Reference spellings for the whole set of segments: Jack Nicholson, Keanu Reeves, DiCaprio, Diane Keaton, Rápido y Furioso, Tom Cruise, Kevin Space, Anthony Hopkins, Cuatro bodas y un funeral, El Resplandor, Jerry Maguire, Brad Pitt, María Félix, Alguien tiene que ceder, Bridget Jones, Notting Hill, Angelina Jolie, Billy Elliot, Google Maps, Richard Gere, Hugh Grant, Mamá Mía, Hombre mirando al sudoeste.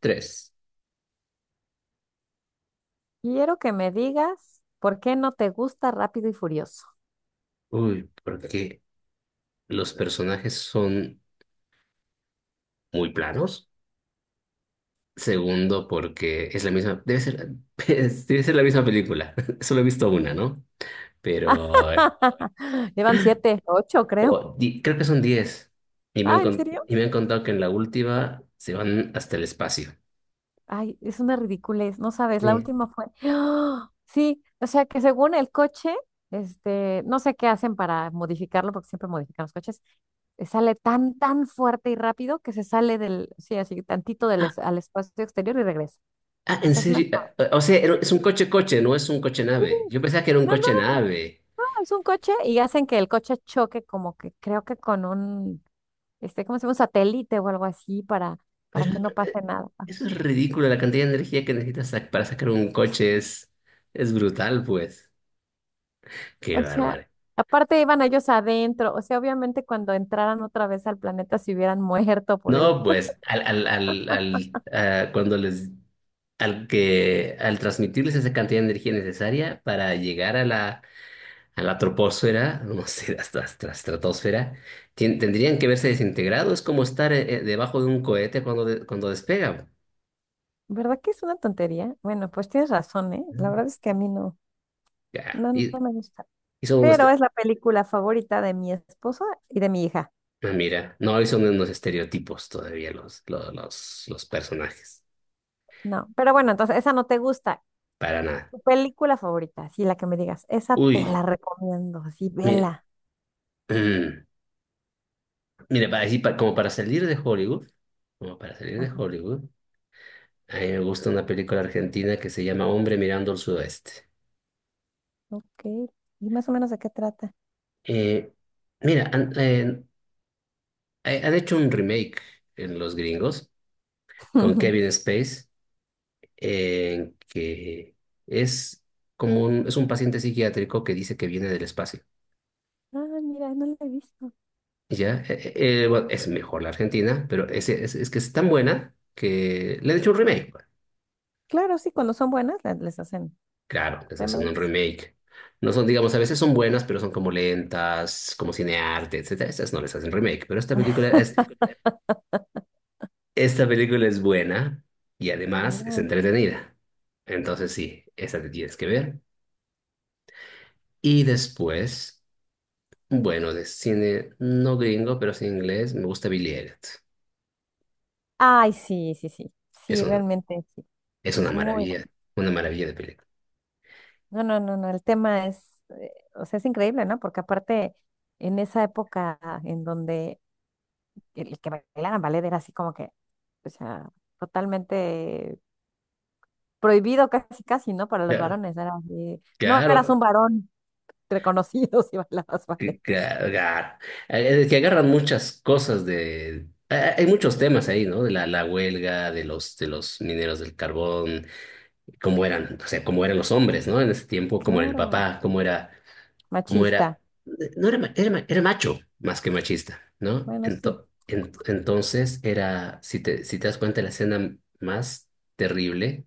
Tres. Quiero que me digas por qué no te gusta Rápido y Furioso. Uy, porque los personajes son muy planos. Segundo, porque es la misma, debe ser, debe ser la misma película. Solo he visto una, ¿no? Pero Llevan siete, ocho, creo. Creo que son 10. Y me han, Ah, ¿en con- serio? y me han contado que en la última se van hasta el espacio. Ay, es una ridiculez, no sabes, la Sí. última fue. ¡Ah! Sí, o sea que según el coche, no sé qué hacen para modificarlo, porque siempre modifican los coches, sale tan, tan fuerte y rápido que se sale del, sí, así tantito del, Ah, al espacio exterior y regresa. ah, en Esa es mi fa- serio. Ah, ah, o sea, Sí, es un coche-coche, no es un sí. coche-nave. Yo pensaba que era un No, no, no, coche-nave. es un coche y hacen que el coche choque como que creo que con un ¿cómo se llama? Un satélite o algo así para Pero que no pase eh, nada. eso es ridículo, la cantidad de energía que necesitas para sacar un coche es brutal, pues. Qué O sea, bárbaro. aparte iban ellos adentro, o sea, obviamente cuando entraran otra vez al planeta se hubieran muerto por él. No, pues, al, cuando les, al que, al transmitirles esa cantidad de energía necesaria para llegar a la troposfera, no sé, hasta la estratosfera, tendrían que verse desintegrados, es como estar debajo de un cohete cuando despega. ¿Verdad que es una tontería? Bueno, pues tienes razón, ¿eh? La Mm. verdad es que a mí no, Ya. no, no Y, no me gusta. y son unos. Pero es la película favorita de mi esposo y de mi hija. Ah, mira, no hoy son unos estereotipos todavía los personajes. No, pero bueno, entonces esa no te gusta. Para nada. Tu película favorita, sí, la que me digas, esa te la Uy, recomiendo, así, mi- vela. mm, mira, como para salir de Hollywood, como para salir de Ajá, Hollywood, a mí me gusta una película argentina que se llama Hombre mirando al sudoeste. ok. ¿Y más o menos de qué trata? Eh, mira, han hecho un remake en Los Gringos con Kevin Space, que es un paciente psiquiátrico que dice que viene del espacio. Ah, mira, no la he visto. Ya, bueno, es mejor la Argentina, pero es que es tan buena que le han hecho un remake, pues. Claro, sí, cuando son buenas les hacen Claro, les hacen un remakes. remake. No son, digamos, a veces son buenas, pero son como lentas, como cinearte, etcétera. Estas no les hacen remake, pero esta película es buena y además es Mira. entretenida. Entonces sí, esa te tienes que ver. Y después, bueno, de cine no gringo, pero sí inglés, me gusta Billy Elliot. Ay, sí, sí, sí. Es Sí, un, realmente sí. es una Es muy bueno. maravilla, una maravilla de película. No, no, no, no. El tema es, o sea, es increíble, ¿no? Porque aparte, en esa época en donde el que bailaran ballet era así como que, o sea, totalmente prohibido casi, casi, ¿no? Para los Ya, varones. Era así, no eras un claro, varón reconocido si bailabas ballet. que, que agar- que agarran muchas cosas de... hay muchos temas ahí, ¿no? De la huelga, de los mineros del carbón, cómo eran, o sea, cómo eran los hombres, ¿no? En ese tiempo, cómo era el Claro. papá, cómo Machista. era, no era, era macho más que machista, ¿no? Bueno, sí, Entonces era, si te das cuenta, la escena más terrible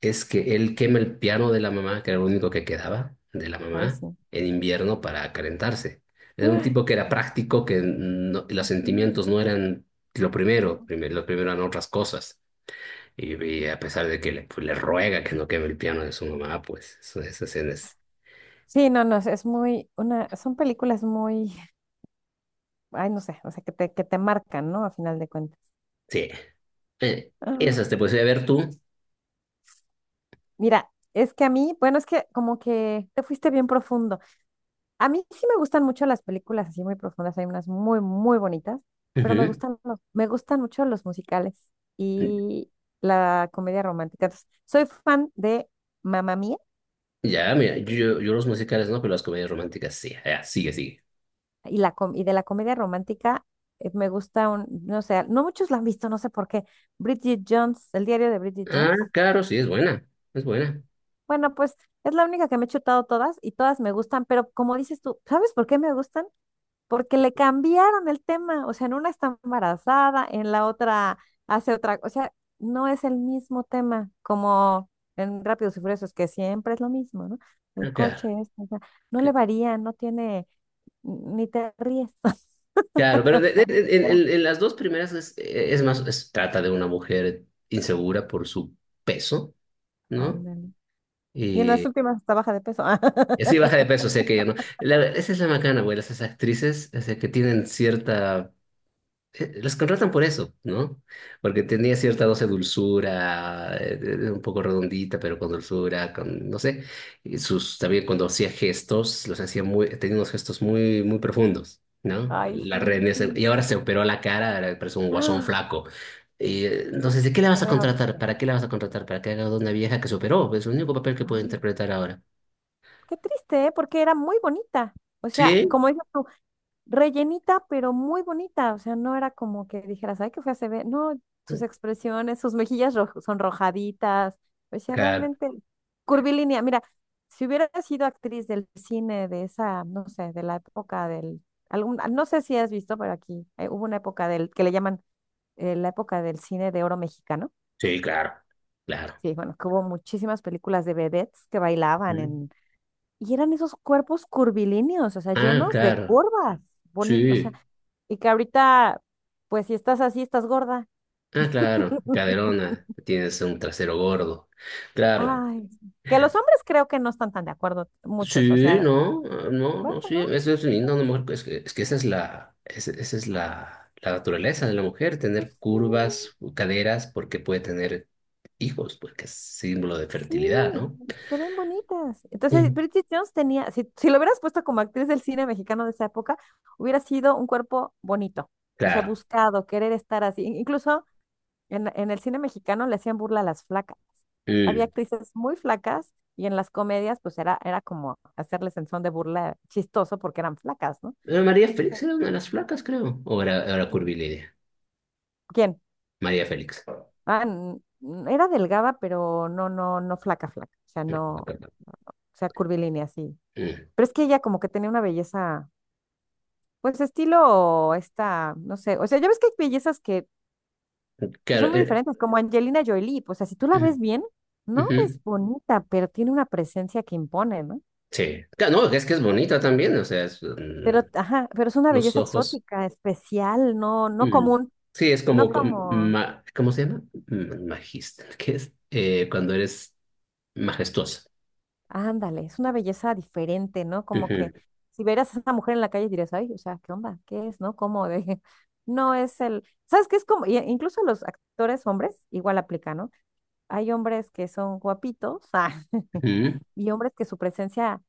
es que él quema el piano de la mamá, que era lo único que quedaba de la hoy mamá, sí. en invierno para calentarse. Era un tipo que era práctico, que no- los Ujú. sentimientos no eran lo primero, lo primero eran otras cosas. Y a pesar de que le ruega que no queme el piano de su mamá, pues esas escenas. Sí, no, no, es muy, una, son películas muy, ay, no sé, o sea, que te marcan, ¿no? A final de cuentas. Sí. Eh, esas Ah, te puedes ir a ver tú. mira, es que a mí, bueno, es que como que te fuiste bien profundo. A mí sí me gustan mucho las películas así muy profundas, hay unas muy, muy bonitas, pero me Ujú. gustan, me gustan mucho los musicales y la comedia romántica. Entonces, soy fan de Mamá Mía. Ya, mira, yo los musicales no, pero las comedias románticas sí. Ya, sigue, sigue. Y de la comedia romántica me gusta un, no sé, no muchos la han visto, no sé por qué. Bridget Jones, el diario de Bridget Ah, Jones. claro, sí, es buena. Es buena. Bueno, pues es la única que me he chutado todas y todas me gustan, pero como dices tú, ¿sabes por qué me gustan? Porque le cambiaron el tema, o sea, en una está embarazada, en la otra hace otra, o sea, no es el mismo tema como en Rápidos y Furiosos, que siempre es lo mismo, ¿no? El Ah, claro. coche, esto, o sea, no le varía, no tiene, ni te ríes. Claro, pero O de- de- sea, en, en- en las dos primeras trata de una mujer insegura por su peso, ¿no? ándale. Y en las Y últimas hasta baja de peso. así baja de peso, o sea que ya no. Esa es la macana, güey, las esas actrices, o sea que tienen cierta, los contratan por eso, ¿no? Porque tenía cierta dosis de dulzura, un poco redondita, pero con dulzura, con, no sé, y sus, también cuando hacía gestos, los hacía muy, tenía unos gestos muy, muy profundos, ¿no? Ay, La sí, reina, y sí. ahora se operó la cara, ahora parece un guasón ¡Ah! flaco. Entonces, ¿de qué la Se vas a ve contratar? horrible. ¿Para qué la vas a contratar? ¿Para que haga de una vieja que se operó? Es el único papel que puede Ay, interpretar ahora. qué triste, ¿eh? Porque era muy bonita. O sea, Sí, como dices tú, rellenita, pero muy bonita. O sea, no era como que dijeras, ay, qué fea se ve. No, sus expresiones, sus mejillas sonrojaditas. O sea, claro, realmente curvilínea. Mira, si hubiera sido actriz del cine de esa, no sé, de la época del… Algún, no sé si has visto, pero aquí hubo una época del que le llaman la época del cine de oro mexicano. sí, claro, claro. Sí, bueno, que hubo muchísimas películas de vedettes que bailaban Ujú. en… Y eran esos cuerpos curvilíneos, o sea, Ah, llenos de claro, curvas, boni, o sea, sí. y que ahorita, pues si estás así, estás gorda. Ah, claro, caderona, tienes un trasero gordo. Claro. Ay, que los hombres creo que no están tan de acuerdo, muchos, o Sí, sea, no, no, bueno, no, sí, ¿no? eso es lindo, una mujer, es que, esa es la naturaleza de la mujer, Pues tener sí, curvas, caderas, porque puede tener hijos, porque es símbolo de fertilidad, ¿no? sí, se ven bonitas. Entonces, Mm. Bridget Jones tenía, si, si lo hubieras puesto como actriz del cine mexicano de esa época, hubiera sido un cuerpo bonito, o sea, Claro. buscado, querer estar así. Incluso en el cine mexicano le hacían burla a las flacas. Había Mm. actrices muy flacas y en las comedias pues era, era como hacerles en son de burla chistoso porque eran flacas, ¿no? María Félix Pues, era una de las flacas, creo. O era curvilínea. ¿quién? María Félix. Ah, era delgada, pero no, no, no flaca, flaca. O sea, no, o sea, curvilínea, sí. Mm. Pero es que ella como que tenía una belleza. Pues estilo esta, no sé, o sea, ya ves que hay bellezas que Claro. son muy diferentes, como Angelina Jolie, pues o sea, si tú la Mm, ves bien, no ujú. es bonita, pero tiene una presencia que impone, ¿no? Sí. No, es que es bonita también, o sea, es, Pero, ajá, pero es una los belleza ojos. exótica, especial, no, no Mm. común, Sí, es no como, como, ¿cómo se llama? Mm, Magista, ¿qué es? Cuando eres majestuosa. ándale, es una belleza diferente, ¿no? Como Ujú, que si vieras a esa mujer en la calle dirías, ay, o sea, ¿qué onda? ¿Qué es, no? ¿Cómo de? No es el, ¿sabes qué es como? Incluso los actores hombres igual aplica, ¿no? Hay hombres que son guapitos, ujú, y hombres que su presencia,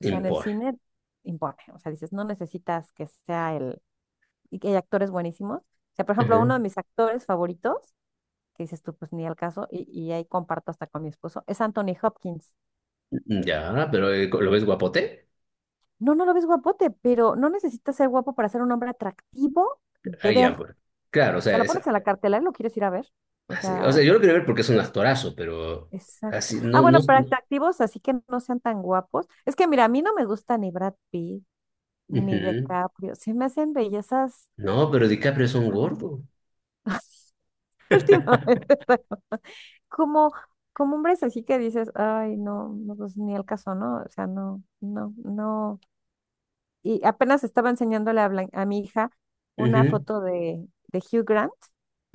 o sea, en el impone. cine impone, o sea, dices, no necesitas que sea el, y que hay actores buenísimos, o sea, por ejemplo, uno Ujú. de mis actores favoritos, que dices tú, pues ni al caso, y ahí comparto hasta con mi esposo, es Anthony Hopkins. Ya, pero ¿lo ves guapote? No, no lo ves guapote, pero no necesitas ser guapo para ser un hombre atractivo Ah, de ver. ya, O pues. Claro, o sea, sea, lo pones es en la cartelera y lo quieres ir a ver. O así. O sea, sea, yo lo quiero ver porque es un actorazo, pero exacto. así, Ah, no, no. bueno, para No, atractivos, así que no sean tan guapos. Es que mira, a mí no me gusta ni Brad Pitt, ni ujú. DiCaprio. Se me hacen bellezas. No, pero DiCaprio es un Ah. gordo. Últimamente, como, como hombres así que dices, ay, no, no, pues ni el caso, ¿no? O sea, no, no, no. Y apenas estaba enseñándole a, a mi hija una Ujú, foto de, Hugh Grant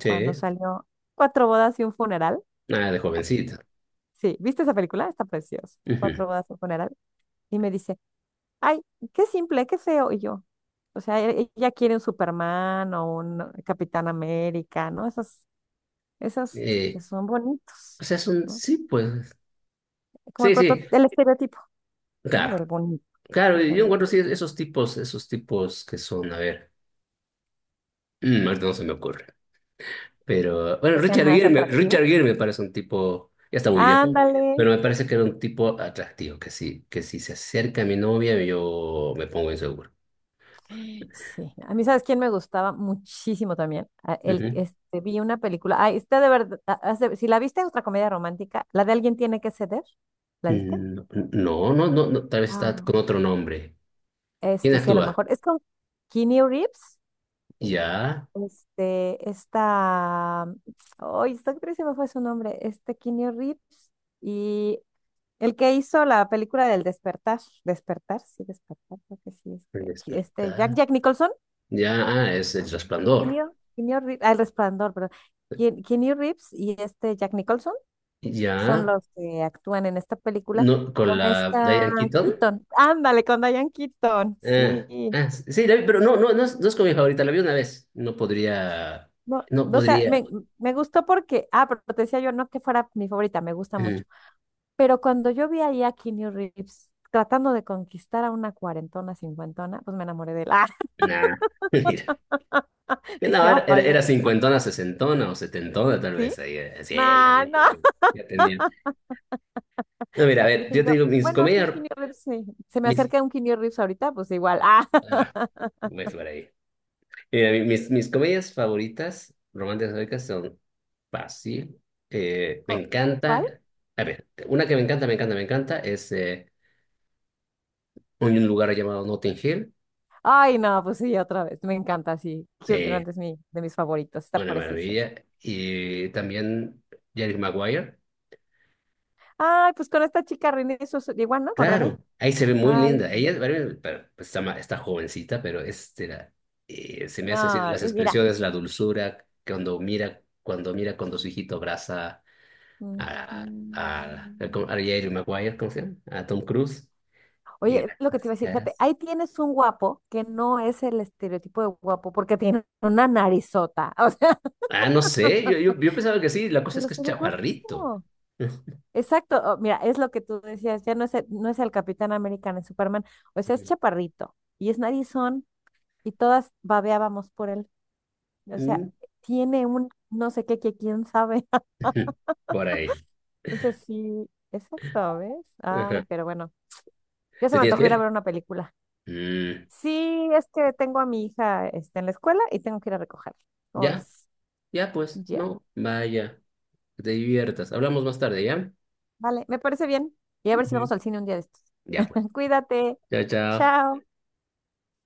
cuando salió Cuatro bodas y un funeral. nada de jovencito. Sí, ¿viste esa película? Está preciosa. Ujú. Cuatro bodas y un funeral. Y me dice, ay, qué simple, qué feo. Y yo, o sea, ella quiere un Superman o un Capitán América, ¿no? Esas. Esos que Eh, son O bonitos, sea, son, ¿no? sí, pues, Como el sí, sí, el estereotipo, ¿no? Del claro, bonito. claro, O y sea, yo encuentro sí, esos tipos que son, a ver, ahorita no se me ocurre, pero, bueno, que sean Richard más Gere, atractivos. Richard Gere me parece un tipo, ya está muy viejo, Ándale. pero me parece que era un tipo atractivo, que sí, que si se acerca a mi novia, yo me pongo inseguro. Sí. A mí, ¿sabes quién me gustaba muchísimo también? El, Ujú. Vi una película. Ay, está de verdad. Si la viste, es otra comedia romántica. La de Alguien tiene que ceder. ¿La viste? Mm. No, no, no, no, tal vez está Ah, con otro nombre. ¿Quién sí, a lo actúa? mejor. Es con Keanu Reeves. Ya, Esta. Ay, esta actriz se me fue su nombre. Keanu Reeves. Y el que hizo la película del despertar, despertar, sí, despertar, creo que sí, el este Jack, despertar, Jack Nicholson, ya, es el resplandor, Keanu Reeves, ah, El Resplandor, perdón, Keanu Reeves y este Jack Nicholson ya. son los que actúan en esta película No, con con la esta Diane Keaton. Keaton, ándale, con Diane Keaton, Ah, sí, ah, sí, la vi, pero no es como mi favorita, la vi una vez. No podría, no, no no, o sea, podría. me gustó porque, ah, pero te decía yo, no que fuera mi favorita, me gusta Mm. mucho, pero cuando yo vi ahí a Keanu Reeves tratando de conquistar a una cuarentona, cincuentona, pues me enamoré de él, ah, Nah, mira. Que dije, no, era, era, ay, era cincuentona, sesentona o setentona, tal ¿sí? vez. Ahí, sí, ya, No, ya tenía, no. ya tenía. No, mira, a ver, Dije yo te yo, digo, mis bueno, sí, un comedias, Keanu Reeves, sí. Se me mis. acerca un Keanu Reeves ahorita, pues igual. Ah, Ah, pues por ahí. Mira, mis comedias favoritas, románticas históricas, son fácil. Me ¿cu- ¿cuál? encanta. A ver, una que me encanta, me encanta, me encanta es, en un lugar llamado Notting Hill. Ay, no, pues sí, otra vez. Me encanta, sí. Hugh Sí, Grant es mi, de mis favoritos. Está una precioso. maravilla. Y también Jerry Maguire. Ay, pues con esta chica René, eso es igual, ¿no? Con René. Claro, ahí se ve muy Ay, linda. sí. Ella bueno, pero, pues, está, está jovencita, pero es, se me hace así No, las y mira. expresiones, la dulzura, cuando mira, cuando su hijito abraza Mm, a, a mm. Jerry Maguire, ¿cómo se llama? A Tom Cruise. Y Oye, es lo que te las iba a decir, fíjate, caras. ahí tienes un guapo que no es el estereotipo de guapo porque tiene una narizota. O sea, Ah, no sé, yo pensaba que sí, la cosa es pero que es se ve guapo. chaparrito. Exacto, o- mira, es lo que tú decías, ya no es el, no es el Capitán América ni Superman, o sea, es chaparrito y es narizón y todas babeábamos por él, o sea, Mm. tiene un no sé qué que quién sabe, Por ahí. entonces sí, exacto, ¿ves? Ay, Ajá. pero bueno, ya se ¿Te me tienes que antojó ir a ir? ver una película. Mm, Sí, es que tengo a mi hija este, en la escuela y tengo que ir a recogerla, ¿cómo ya, ves? ya pues, Ya, no, vaya, que te diviertas. Hablamos más tarde, ¿ya? vale, me parece bien y a ver si Ujú. vamos al cine un día de estos. Ya pues. Cuídate, Chao, chao. chao.